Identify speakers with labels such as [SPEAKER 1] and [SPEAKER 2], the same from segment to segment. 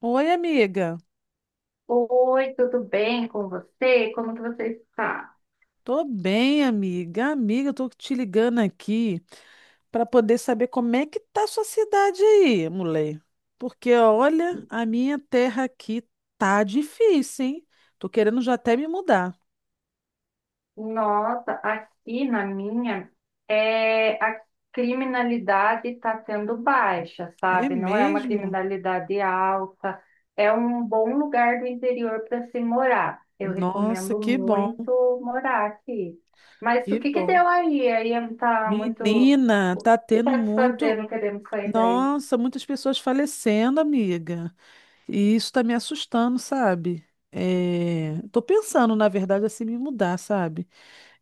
[SPEAKER 1] Oi, amiga.
[SPEAKER 2] Oi, tudo bem com você? Como que você está?
[SPEAKER 1] Tô bem, amiga. Amiga, eu tô te ligando aqui para poder saber como é que tá a sua cidade aí, mulher. Porque olha, a minha terra aqui tá difícil, hein? Tô querendo já até me mudar.
[SPEAKER 2] Nossa, aqui na minha, a criminalidade está tendo baixa,
[SPEAKER 1] É
[SPEAKER 2] sabe? Não é uma
[SPEAKER 1] mesmo?
[SPEAKER 2] criminalidade alta, é um bom lugar do interior para se morar. Eu
[SPEAKER 1] Nossa,
[SPEAKER 2] recomendo
[SPEAKER 1] que bom,
[SPEAKER 2] muito morar aqui. Mas
[SPEAKER 1] que
[SPEAKER 2] o que que
[SPEAKER 1] bom.
[SPEAKER 2] deu aí? Aí está muito...
[SPEAKER 1] Menina,
[SPEAKER 2] O
[SPEAKER 1] tá
[SPEAKER 2] que
[SPEAKER 1] tendo
[SPEAKER 2] está te
[SPEAKER 1] muito.
[SPEAKER 2] fazendo? Queremos sair daí.
[SPEAKER 1] Nossa, muitas pessoas falecendo, amiga. E isso tá me assustando, sabe? É... Tô pensando, na verdade, assim, me mudar, sabe?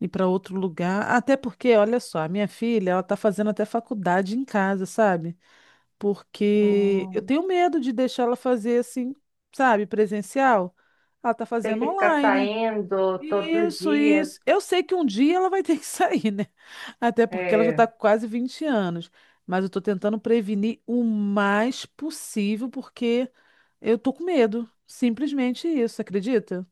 [SPEAKER 1] Ir para outro lugar. Até porque, olha só, a minha filha, ela tá fazendo até faculdade em casa, sabe? Porque eu
[SPEAKER 2] Hum,
[SPEAKER 1] tenho medo de deixar ela fazer assim, sabe, presencial. Ela tá
[SPEAKER 2] ter
[SPEAKER 1] fazendo
[SPEAKER 2] que ficar
[SPEAKER 1] online.
[SPEAKER 2] saindo todos os
[SPEAKER 1] Isso,
[SPEAKER 2] dias.
[SPEAKER 1] isso. Eu sei que um dia ela vai ter que sair, né? Até porque ela já está
[SPEAKER 2] É.
[SPEAKER 1] com quase 20 anos. Mas eu estou tentando prevenir o mais possível, porque eu tô com medo. Simplesmente isso, acredita?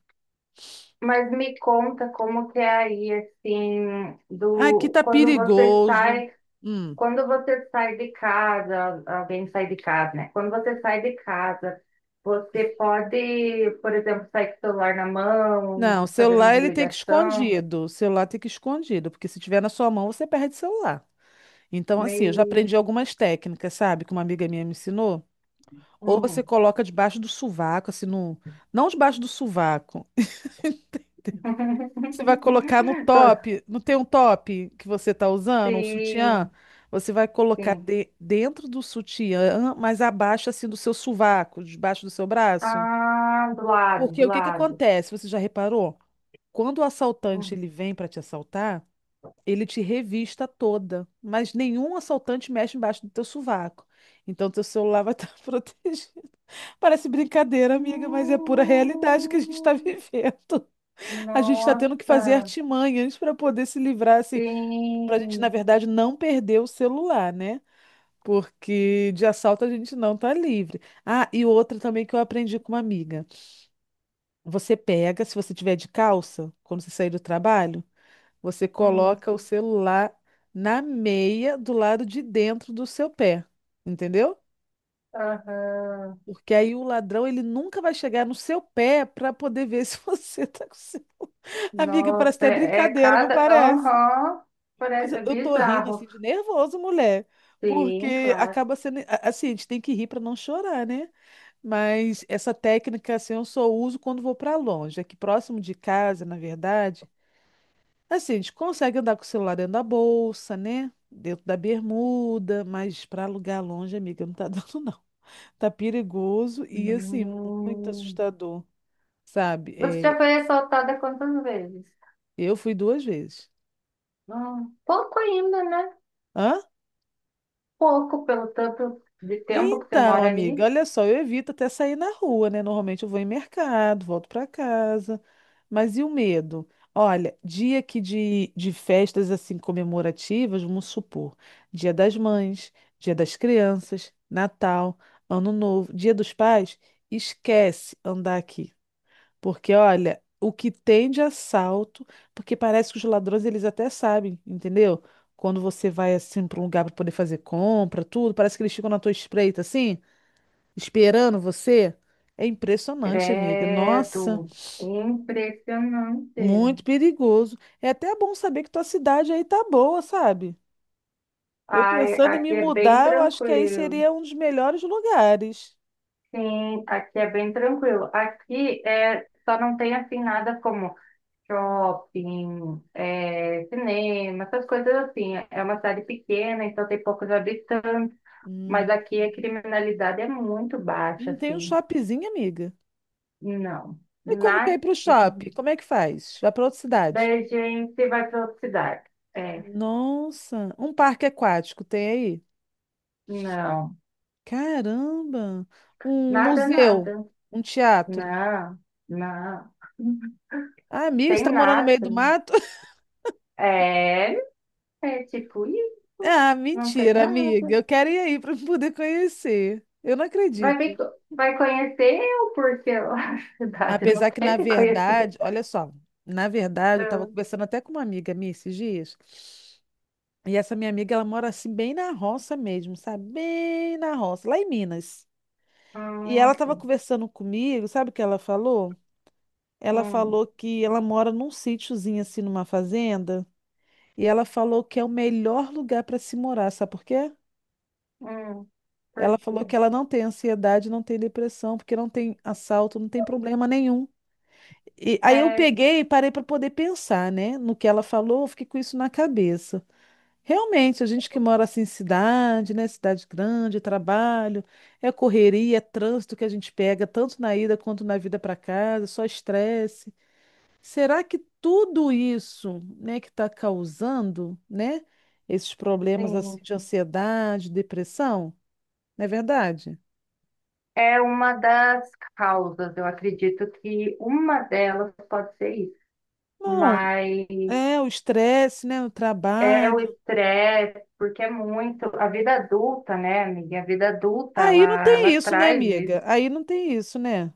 [SPEAKER 2] Mas me conta como que é aí, assim,
[SPEAKER 1] Aqui
[SPEAKER 2] do
[SPEAKER 1] tá perigoso. Hum.
[SPEAKER 2] quando você sai de casa, alguém sai de casa, né? Quando você sai de casa, você pode, por exemplo, sair com o celular na
[SPEAKER 1] Não, o
[SPEAKER 2] mão,
[SPEAKER 1] celular
[SPEAKER 2] fazendo
[SPEAKER 1] ele tem que ir
[SPEAKER 2] ligação,
[SPEAKER 1] escondido. O celular tem que ir escondido, porque se tiver na sua mão, você perde o celular. Então, assim, eu já
[SPEAKER 2] meio.
[SPEAKER 1] aprendi algumas técnicas, sabe, que uma amiga minha me ensinou. Ou você
[SPEAKER 2] Hum.
[SPEAKER 1] coloca debaixo do sovaco, assim, no... não debaixo do sovaco. Você vai colocar no
[SPEAKER 2] Tô-
[SPEAKER 1] top, não tem um top que você tá usando, um sutiã?
[SPEAKER 2] Sim,
[SPEAKER 1] Você vai colocar
[SPEAKER 2] sim.
[SPEAKER 1] dentro do sutiã, mas abaixo, assim, do seu sovaco, debaixo do seu braço.
[SPEAKER 2] Ah, do lado,
[SPEAKER 1] Porque
[SPEAKER 2] do
[SPEAKER 1] o que que
[SPEAKER 2] lado.
[SPEAKER 1] acontece? Você já reparou? Quando o assaltante
[SPEAKER 2] Hum.
[SPEAKER 1] ele vem para te assaltar, ele te revista toda, mas nenhum assaltante mexe embaixo do teu sovaco. Então teu celular vai estar protegido. Parece brincadeira, amiga, mas é pura realidade que a gente está
[SPEAKER 2] Hum.
[SPEAKER 1] vivendo. A gente está tendo que fazer
[SPEAKER 2] Nossa.
[SPEAKER 1] artimanhas para poder se livrar, assim, para a gente, na
[SPEAKER 2] Sim.
[SPEAKER 1] verdade, não perder o celular, né? Porque de assalto a gente não tá livre. Ah, e outra também que eu aprendi com uma amiga. Você pega, se você tiver de calça, quando você sair do trabalho, você
[SPEAKER 2] Hum.
[SPEAKER 1] coloca o celular na meia do lado de dentro do seu pé, entendeu?
[SPEAKER 2] Aham.
[SPEAKER 1] Porque aí o ladrão ele nunca vai chegar no seu pé para poder ver se você tá com o seu... Amiga, parece
[SPEAKER 2] Nossa,
[SPEAKER 1] até
[SPEAKER 2] é, é
[SPEAKER 1] brincadeira, não
[SPEAKER 2] cada.
[SPEAKER 1] parece?
[SPEAKER 2] Aham. Pare-
[SPEAKER 1] Mas
[SPEAKER 2] É
[SPEAKER 1] eu
[SPEAKER 2] é
[SPEAKER 1] eu tô rindo assim
[SPEAKER 2] bizarro.
[SPEAKER 1] de nervoso, mulher,
[SPEAKER 2] Sim,
[SPEAKER 1] porque
[SPEAKER 2] claro.
[SPEAKER 1] acaba sendo assim, a gente tem que rir para não chorar, né? Mas essa técnica assim, eu só uso quando vou para longe. Aqui próximo de casa, na verdade, assim, a gente consegue andar com o celular dentro da bolsa, né? Dentro da bermuda, mas para alugar longe, amiga, não tá dando, não. Tá perigoso e, assim, muito
[SPEAKER 2] Hum.
[SPEAKER 1] assustador, sabe?
[SPEAKER 2] Você já
[SPEAKER 1] É,
[SPEAKER 2] foi assaltada quantas vezes?
[SPEAKER 1] eu fui duas vezes.
[SPEAKER 2] Hum. Pouco ainda, né?
[SPEAKER 1] Hã?
[SPEAKER 2] Pouco pelo tanto de tempo que você
[SPEAKER 1] Então,
[SPEAKER 2] mora
[SPEAKER 1] amiga,
[SPEAKER 2] aí.
[SPEAKER 1] olha só, eu evito até sair na rua, né? Normalmente eu vou em mercado, volto para casa. Mas e o medo? Olha, dia aqui de festas assim comemorativas, vamos supor, Dia das Mães, Dia das Crianças, Natal, Ano Novo, Dia dos Pais, esquece andar aqui. Porque, olha, o que tem de assalto, porque parece que os ladrões eles até sabem, entendeu? Quando você vai assim para um lugar para poder fazer compra, tudo, parece que eles ficam na tua espreita assim, esperando você. É impressionante, amiga. Nossa,
[SPEAKER 2] Credo. Impressionante.
[SPEAKER 1] muito perigoso. É até bom saber que tua cidade aí tá boa, sabe? Eu
[SPEAKER 2] Ai,
[SPEAKER 1] pensando em me
[SPEAKER 2] aqui é bem
[SPEAKER 1] mudar, eu acho que aí
[SPEAKER 2] tranquilo.
[SPEAKER 1] seria um dos melhores lugares.
[SPEAKER 2] Sim, aqui é bem tranquilo. Aqui é, só não tem assim nada como shopping, cinema, essas coisas assim. É uma cidade pequena, então tem poucos habitantes, mas
[SPEAKER 1] Hum,
[SPEAKER 2] aqui a criminalidade é muito baixa,
[SPEAKER 1] não tem um
[SPEAKER 2] assim.
[SPEAKER 1] shoppingzinho, amiga?
[SPEAKER 2] Não.
[SPEAKER 1] E quando quer ir
[SPEAKER 2] Nada.
[SPEAKER 1] pro shopping, como é que faz? Vai para outra
[SPEAKER 2] Daí
[SPEAKER 1] cidade?
[SPEAKER 2] a gente vai para outra cidade. É,
[SPEAKER 1] Nossa, um parque aquático tem aí?
[SPEAKER 2] não.
[SPEAKER 1] Caramba! Um
[SPEAKER 2] Nada,
[SPEAKER 1] museu,
[SPEAKER 2] nada.
[SPEAKER 1] um teatro.
[SPEAKER 2] Não, não.
[SPEAKER 1] Ah, amigo, você
[SPEAKER 2] Tem
[SPEAKER 1] tá morando no
[SPEAKER 2] nada.
[SPEAKER 1] meio do mato?
[SPEAKER 2] É, é tipo isso.
[SPEAKER 1] Ah,
[SPEAKER 2] Não tem
[SPEAKER 1] mentira,
[SPEAKER 2] nada.
[SPEAKER 1] amiga. Eu quero ir aí para poder conhecer. Eu não
[SPEAKER 2] Vai, ver,
[SPEAKER 1] acredito.
[SPEAKER 2] co- vai conhecer eu, porque a cidade não
[SPEAKER 1] Apesar que, na
[SPEAKER 2] tem que conhecer.
[SPEAKER 1] verdade, olha só, na verdade, eu estava
[SPEAKER 2] Ah,
[SPEAKER 1] conversando até com uma amiga minha esses dias. E essa minha amiga, ela mora assim, bem na roça mesmo, sabe? Bem na roça, lá em Minas. E ela estava
[SPEAKER 2] assim.
[SPEAKER 1] conversando comigo, sabe o que ela falou? Ela
[SPEAKER 2] Hum,
[SPEAKER 1] falou que ela mora num sítiozinho assim, numa fazenda, e ela falou que é o melhor lugar para se morar, sabe por quê?
[SPEAKER 2] hum, por
[SPEAKER 1] Ela falou
[SPEAKER 2] quê?
[SPEAKER 1] que ela não tem ansiedade, não tem depressão, porque não tem assalto, não tem problema nenhum. E aí eu
[SPEAKER 2] É,
[SPEAKER 1] peguei e parei para poder pensar, né, no que ela falou, eu fiquei com isso na cabeça. Realmente, a gente que mora assim em cidade, né, cidade grande, trabalho, é correria, é trânsito que a gente pega tanto na ida quanto na vida para casa, só estresse. Será que tudo isso, né, que está causando, né, esses problemas assim
[SPEAKER 2] sim.
[SPEAKER 1] de ansiedade, depressão, não é verdade?
[SPEAKER 2] É uma das causas. Eu acredito que uma delas pode ser isso.
[SPEAKER 1] Não,
[SPEAKER 2] Mas
[SPEAKER 1] é o estresse, né, o
[SPEAKER 2] é o
[SPEAKER 1] trabalho.
[SPEAKER 2] estresse, porque é muito. A vida adulta, né, amiga? A vida adulta,
[SPEAKER 1] Aí não tem
[SPEAKER 2] ela
[SPEAKER 1] isso, né,
[SPEAKER 2] traz isso.
[SPEAKER 1] amiga? Aí não tem isso, né?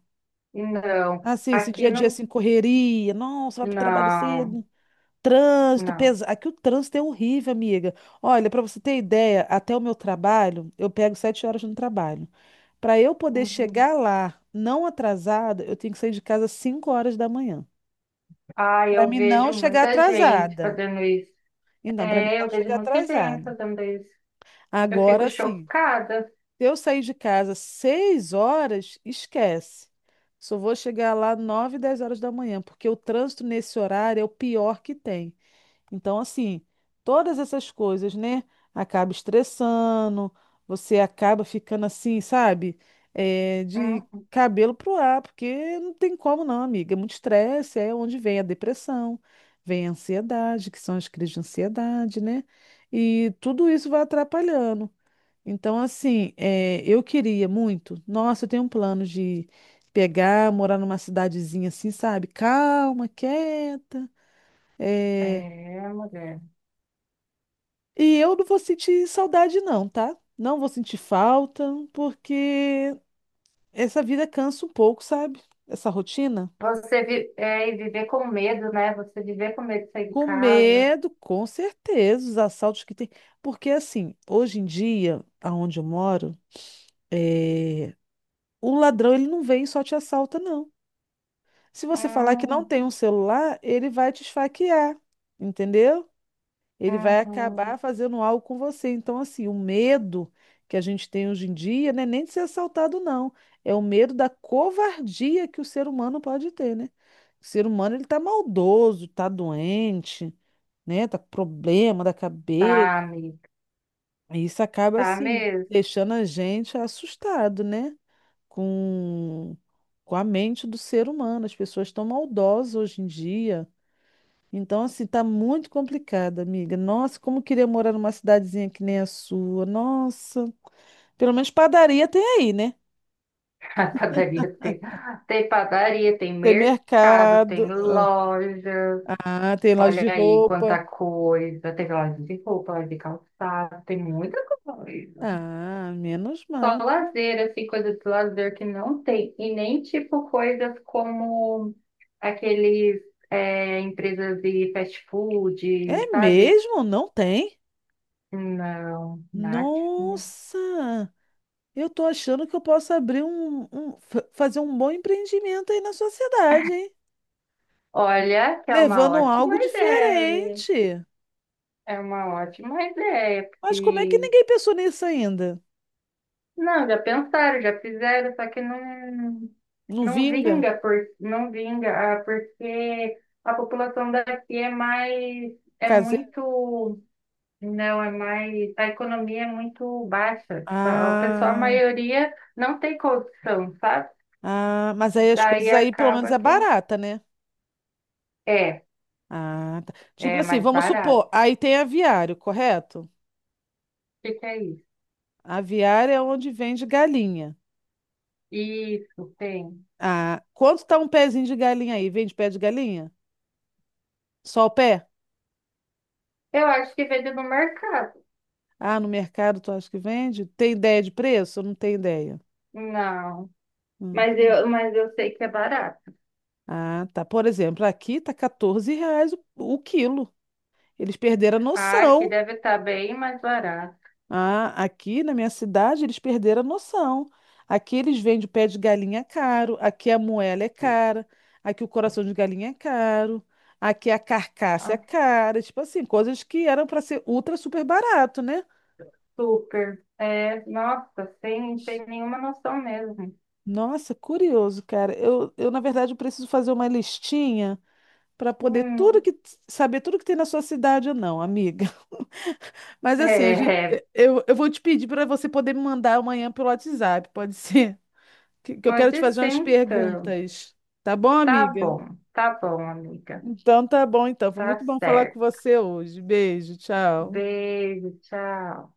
[SPEAKER 2] E não,
[SPEAKER 1] Assim, esse dia
[SPEAKER 2] aqui
[SPEAKER 1] a dia
[SPEAKER 2] não.
[SPEAKER 1] assim, correria, nossa, vai pro trabalho
[SPEAKER 2] Não,
[SPEAKER 1] cedo. Trânsito
[SPEAKER 2] não.
[SPEAKER 1] pesado. Aqui o trânsito é horrível, amiga. Olha, para você ter ideia, até o meu trabalho, eu pego 7 horas no trabalho. Para eu poder
[SPEAKER 2] Uhum.
[SPEAKER 1] chegar lá não atrasada, eu tenho que sair de casa às 5 horas da manhã.
[SPEAKER 2] Ah,
[SPEAKER 1] Para
[SPEAKER 2] eu
[SPEAKER 1] mim não
[SPEAKER 2] vejo
[SPEAKER 1] chegar
[SPEAKER 2] muita gente
[SPEAKER 1] atrasada.
[SPEAKER 2] fazendo isso.
[SPEAKER 1] Então, para mim
[SPEAKER 2] É,
[SPEAKER 1] não
[SPEAKER 2] eu vejo
[SPEAKER 1] chegar
[SPEAKER 2] muita gente
[SPEAKER 1] atrasada.
[SPEAKER 2] fazendo isso. Eu fico
[SPEAKER 1] Agora sim,
[SPEAKER 2] chocada.
[SPEAKER 1] se eu sair de casa às 6 horas, esquece. Só vou chegar lá 9 10 horas da manhã, porque o trânsito nesse horário é o pior que tem. Então, assim, todas essas coisas, né? Acaba estressando, você acaba ficando assim, sabe? É, de
[SPEAKER 2] Hum,
[SPEAKER 1] cabelo pro ar, porque não tem como não, amiga. É muito estresse, é onde vem a depressão, vem a ansiedade, que são as crises de ansiedade, né? E tudo isso vai atrapalhando. Então, assim, é, eu queria muito. Nossa, eu tenho um plano de pegar, morar numa cidadezinha assim, sabe? Calma, quieta. eh,
[SPEAKER 2] é, mulher.
[SPEAKER 1] E eu não vou sentir saudade, não, tá? Não vou sentir falta, porque essa vida cansa um pouco, sabe? Essa rotina.
[SPEAKER 2] Você vi, e viver com medo, né? Você viver com medo de sair de
[SPEAKER 1] Com
[SPEAKER 2] casa.
[SPEAKER 1] medo, com certeza, os assaltos que tem. Porque, assim, hoje em dia, aonde eu moro, é... o ladrão ele não vem e só te assalta, não. Se você falar que não
[SPEAKER 2] Hum,
[SPEAKER 1] tem um celular, ele vai te esfaquear, entendeu? Ele vai
[SPEAKER 2] uhum.
[SPEAKER 1] acabar fazendo algo com você. Então, assim, o medo que a gente tem hoje em dia não é nem de ser assaltado, não. É o medo da covardia que o ser humano pode ter, né? O ser humano, ele tá maldoso, tá doente, né? Tá com problema da cabeça.
[SPEAKER 2] Tá, amiga.
[SPEAKER 1] E isso acaba,
[SPEAKER 2] Tá
[SPEAKER 1] assim,
[SPEAKER 2] mesmo.
[SPEAKER 1] deixando a gente assustado, né? Com, com a mente do ser humano. As pessoas estão maldosas hoje em dia. Então, assim, tá muito complicado, amiga. Nossa, como eu queria morar numa cidadezinha que nem a sua. Nossa. Pelo menos padaria tem aí, né?
[SPEAKER 2] A padaria tem, tem padaria, tem
[SPEAKER 1] Tem
[SPEAKER 2] mercado,
[SPEAKER 1] mercado.
[SPEAKER 2] tem loja.
[SPEAKER 1] Ah, tem loja
[SPEAKER 2] Olha
[SPEAKER 1] de
[SPEAKER 2] aí
[SPEAKER 1] roupa.
[SPEAKER 2] quanta coisa. Tem loja de roupa, loja de calçado, tem muita coisa.
[SPEAKER 1] Ah, menos
[SPEAKER 2] Só
[SPEAKER 1] mal, né?
[SPEAKER 2] lazer, assim, coisa de lazer que não tem. E nem, tipo, coisas como aqueles, empresas de fast food,
[SPEAKER 1] É
[SPEAKER 2] sabe?
[SPEAKER 1] mesmo? Não tem?
[SPEAKER 2] Não, nada.
[SPEAKER 1] Nossa! Eu tô achando que eu posso abrir fazer um bom empreendimento aí na sua cidade, hein?
[SPEAKER 2] Olha, que é uma
[SPEAKER 1] Levando
[SPEAKER 2] ótima
[SPEAKER 1] algo
[SPEAKER 2] ideia.
[SPEAKER 1] diferente.
[SPEAKER 2] É uma ótima ideia,
[SPEAKER 1] Mas como é que
[SPEAKER 2] porque...
[SPEAKER 1] ninguém pensou nisso ainda?
[SPEAKER 2] Não, já pensaram, já fizeram, só que não,
[SPEAKER 1] Não
[SPEAKER 2] não
[SPEAKER 1] vinga?
[SPEAKER 2] vinga, por, não vinga, ah, porque a população daqui é mais... É muito. Não, é mais. A economia é muito baixa. Tipo, a- o pessoal, a
[SPEAKER 1] Ah,
[SPEAKER 2] maioria não tem condição, sabe?
[SPEAKER 1] ah, mas aí as
[SPEAKER 2] Daí
[SPEAKER 1] coisas aí pelo menos
[SPEAKER 2] acaba
[SPEAKER 1] é
[SPEAKER 2] que
[SPEAKER 1] barata, né?
[SPEAKER 2] é,
[SPEAKER 1] Ah, tá. Tipo
[SPEAKER 2] é
[SPEAKER 1] assim,
[SPEAKER 2] mais
[SPEAKER 1] vamos
[SPEAKER 2] barato.
[SPEAKER 1] supor, aí tem aviário, correto?
[SPEAKER 2] O que que é isso?
[SPEAKER 1] Aviário é onde vende galinha.
[SPEAKER 2] Isso, tem.
[SPEAKER 1] Ah, quanto tá um pezinho de galinha aí? Vende pé de galinha? Só o pé?
[SPEAKER 2] Eu acho que vende no mercado.
[SPEAKER 1] Ah, no mercado tu acha que vende? Tem ideia de preço? Não tem ideia.
[SPEAKER 2] Não,
[SPEAKER 1] Tu não-
[SPEAKER 2] mas eu sei que é barato.
[SPEAKER 1] Ah, tá. Por exemplo, aqui tá R$ 14 o quilo. Eles perderam a
[SPEAKER 2] Ah, aqui
[SPEAKER 1] noção.
[SPEAKER 2] deve estar bem mais barato.
[SPEAKER 1] Ah, aqui na minha cidade eles perderam a noção. Aqui eles vendem o pé de galinha caro, aqui a moela é cara, aqui o coração de galinha é caro, aqui a carcaça é
[SPEAKER 2] Ah,
[SPEAKER 1] cara, tipo assim, coisas que eram para ser ultra super barato, né?
[SPEAKER 2] super. É, nossa, sem, sem nenhuma noção mesmo.
[SPEAKER 1] Nossa, curioso, cara. Eu na verdade eu preciso fazer uma listinha para poder tudo
[SPEAKER 2] Hum,
[SPEAKER 1] que saber tudo que tem na sua cidade ou não, amiga. Mas assim,
[SPEAKER 2] é,
[SPEAKER 1] a gente-
[SPEAKER 2] é.
[SPEAKER 1] eu vou te pedir para você poder me mandar amanhã pelo WhatsApp, pode ser? Que eu quero te
[SPEAKER 2] Pode
[SPEAKER 1] fazer
[SPEAKER 2] ser
[SPEAKER 1] umas
[SPEAKER 2] então.
[SPEAKER 1] perguntas. Tá bom, amiga?
[SPEAKER 2] Tá bom, amiga.
[SPEAKER 1] Então tá bom, então. Foi
[SPEAKER 2] Tá
[SPEAKER 1] muito bom falar com
[SPEAKER 2] certo.
[SPEAKER 1] você hoje. Beijo, tchau.
[SPEAKER 2] Beijo, tchau.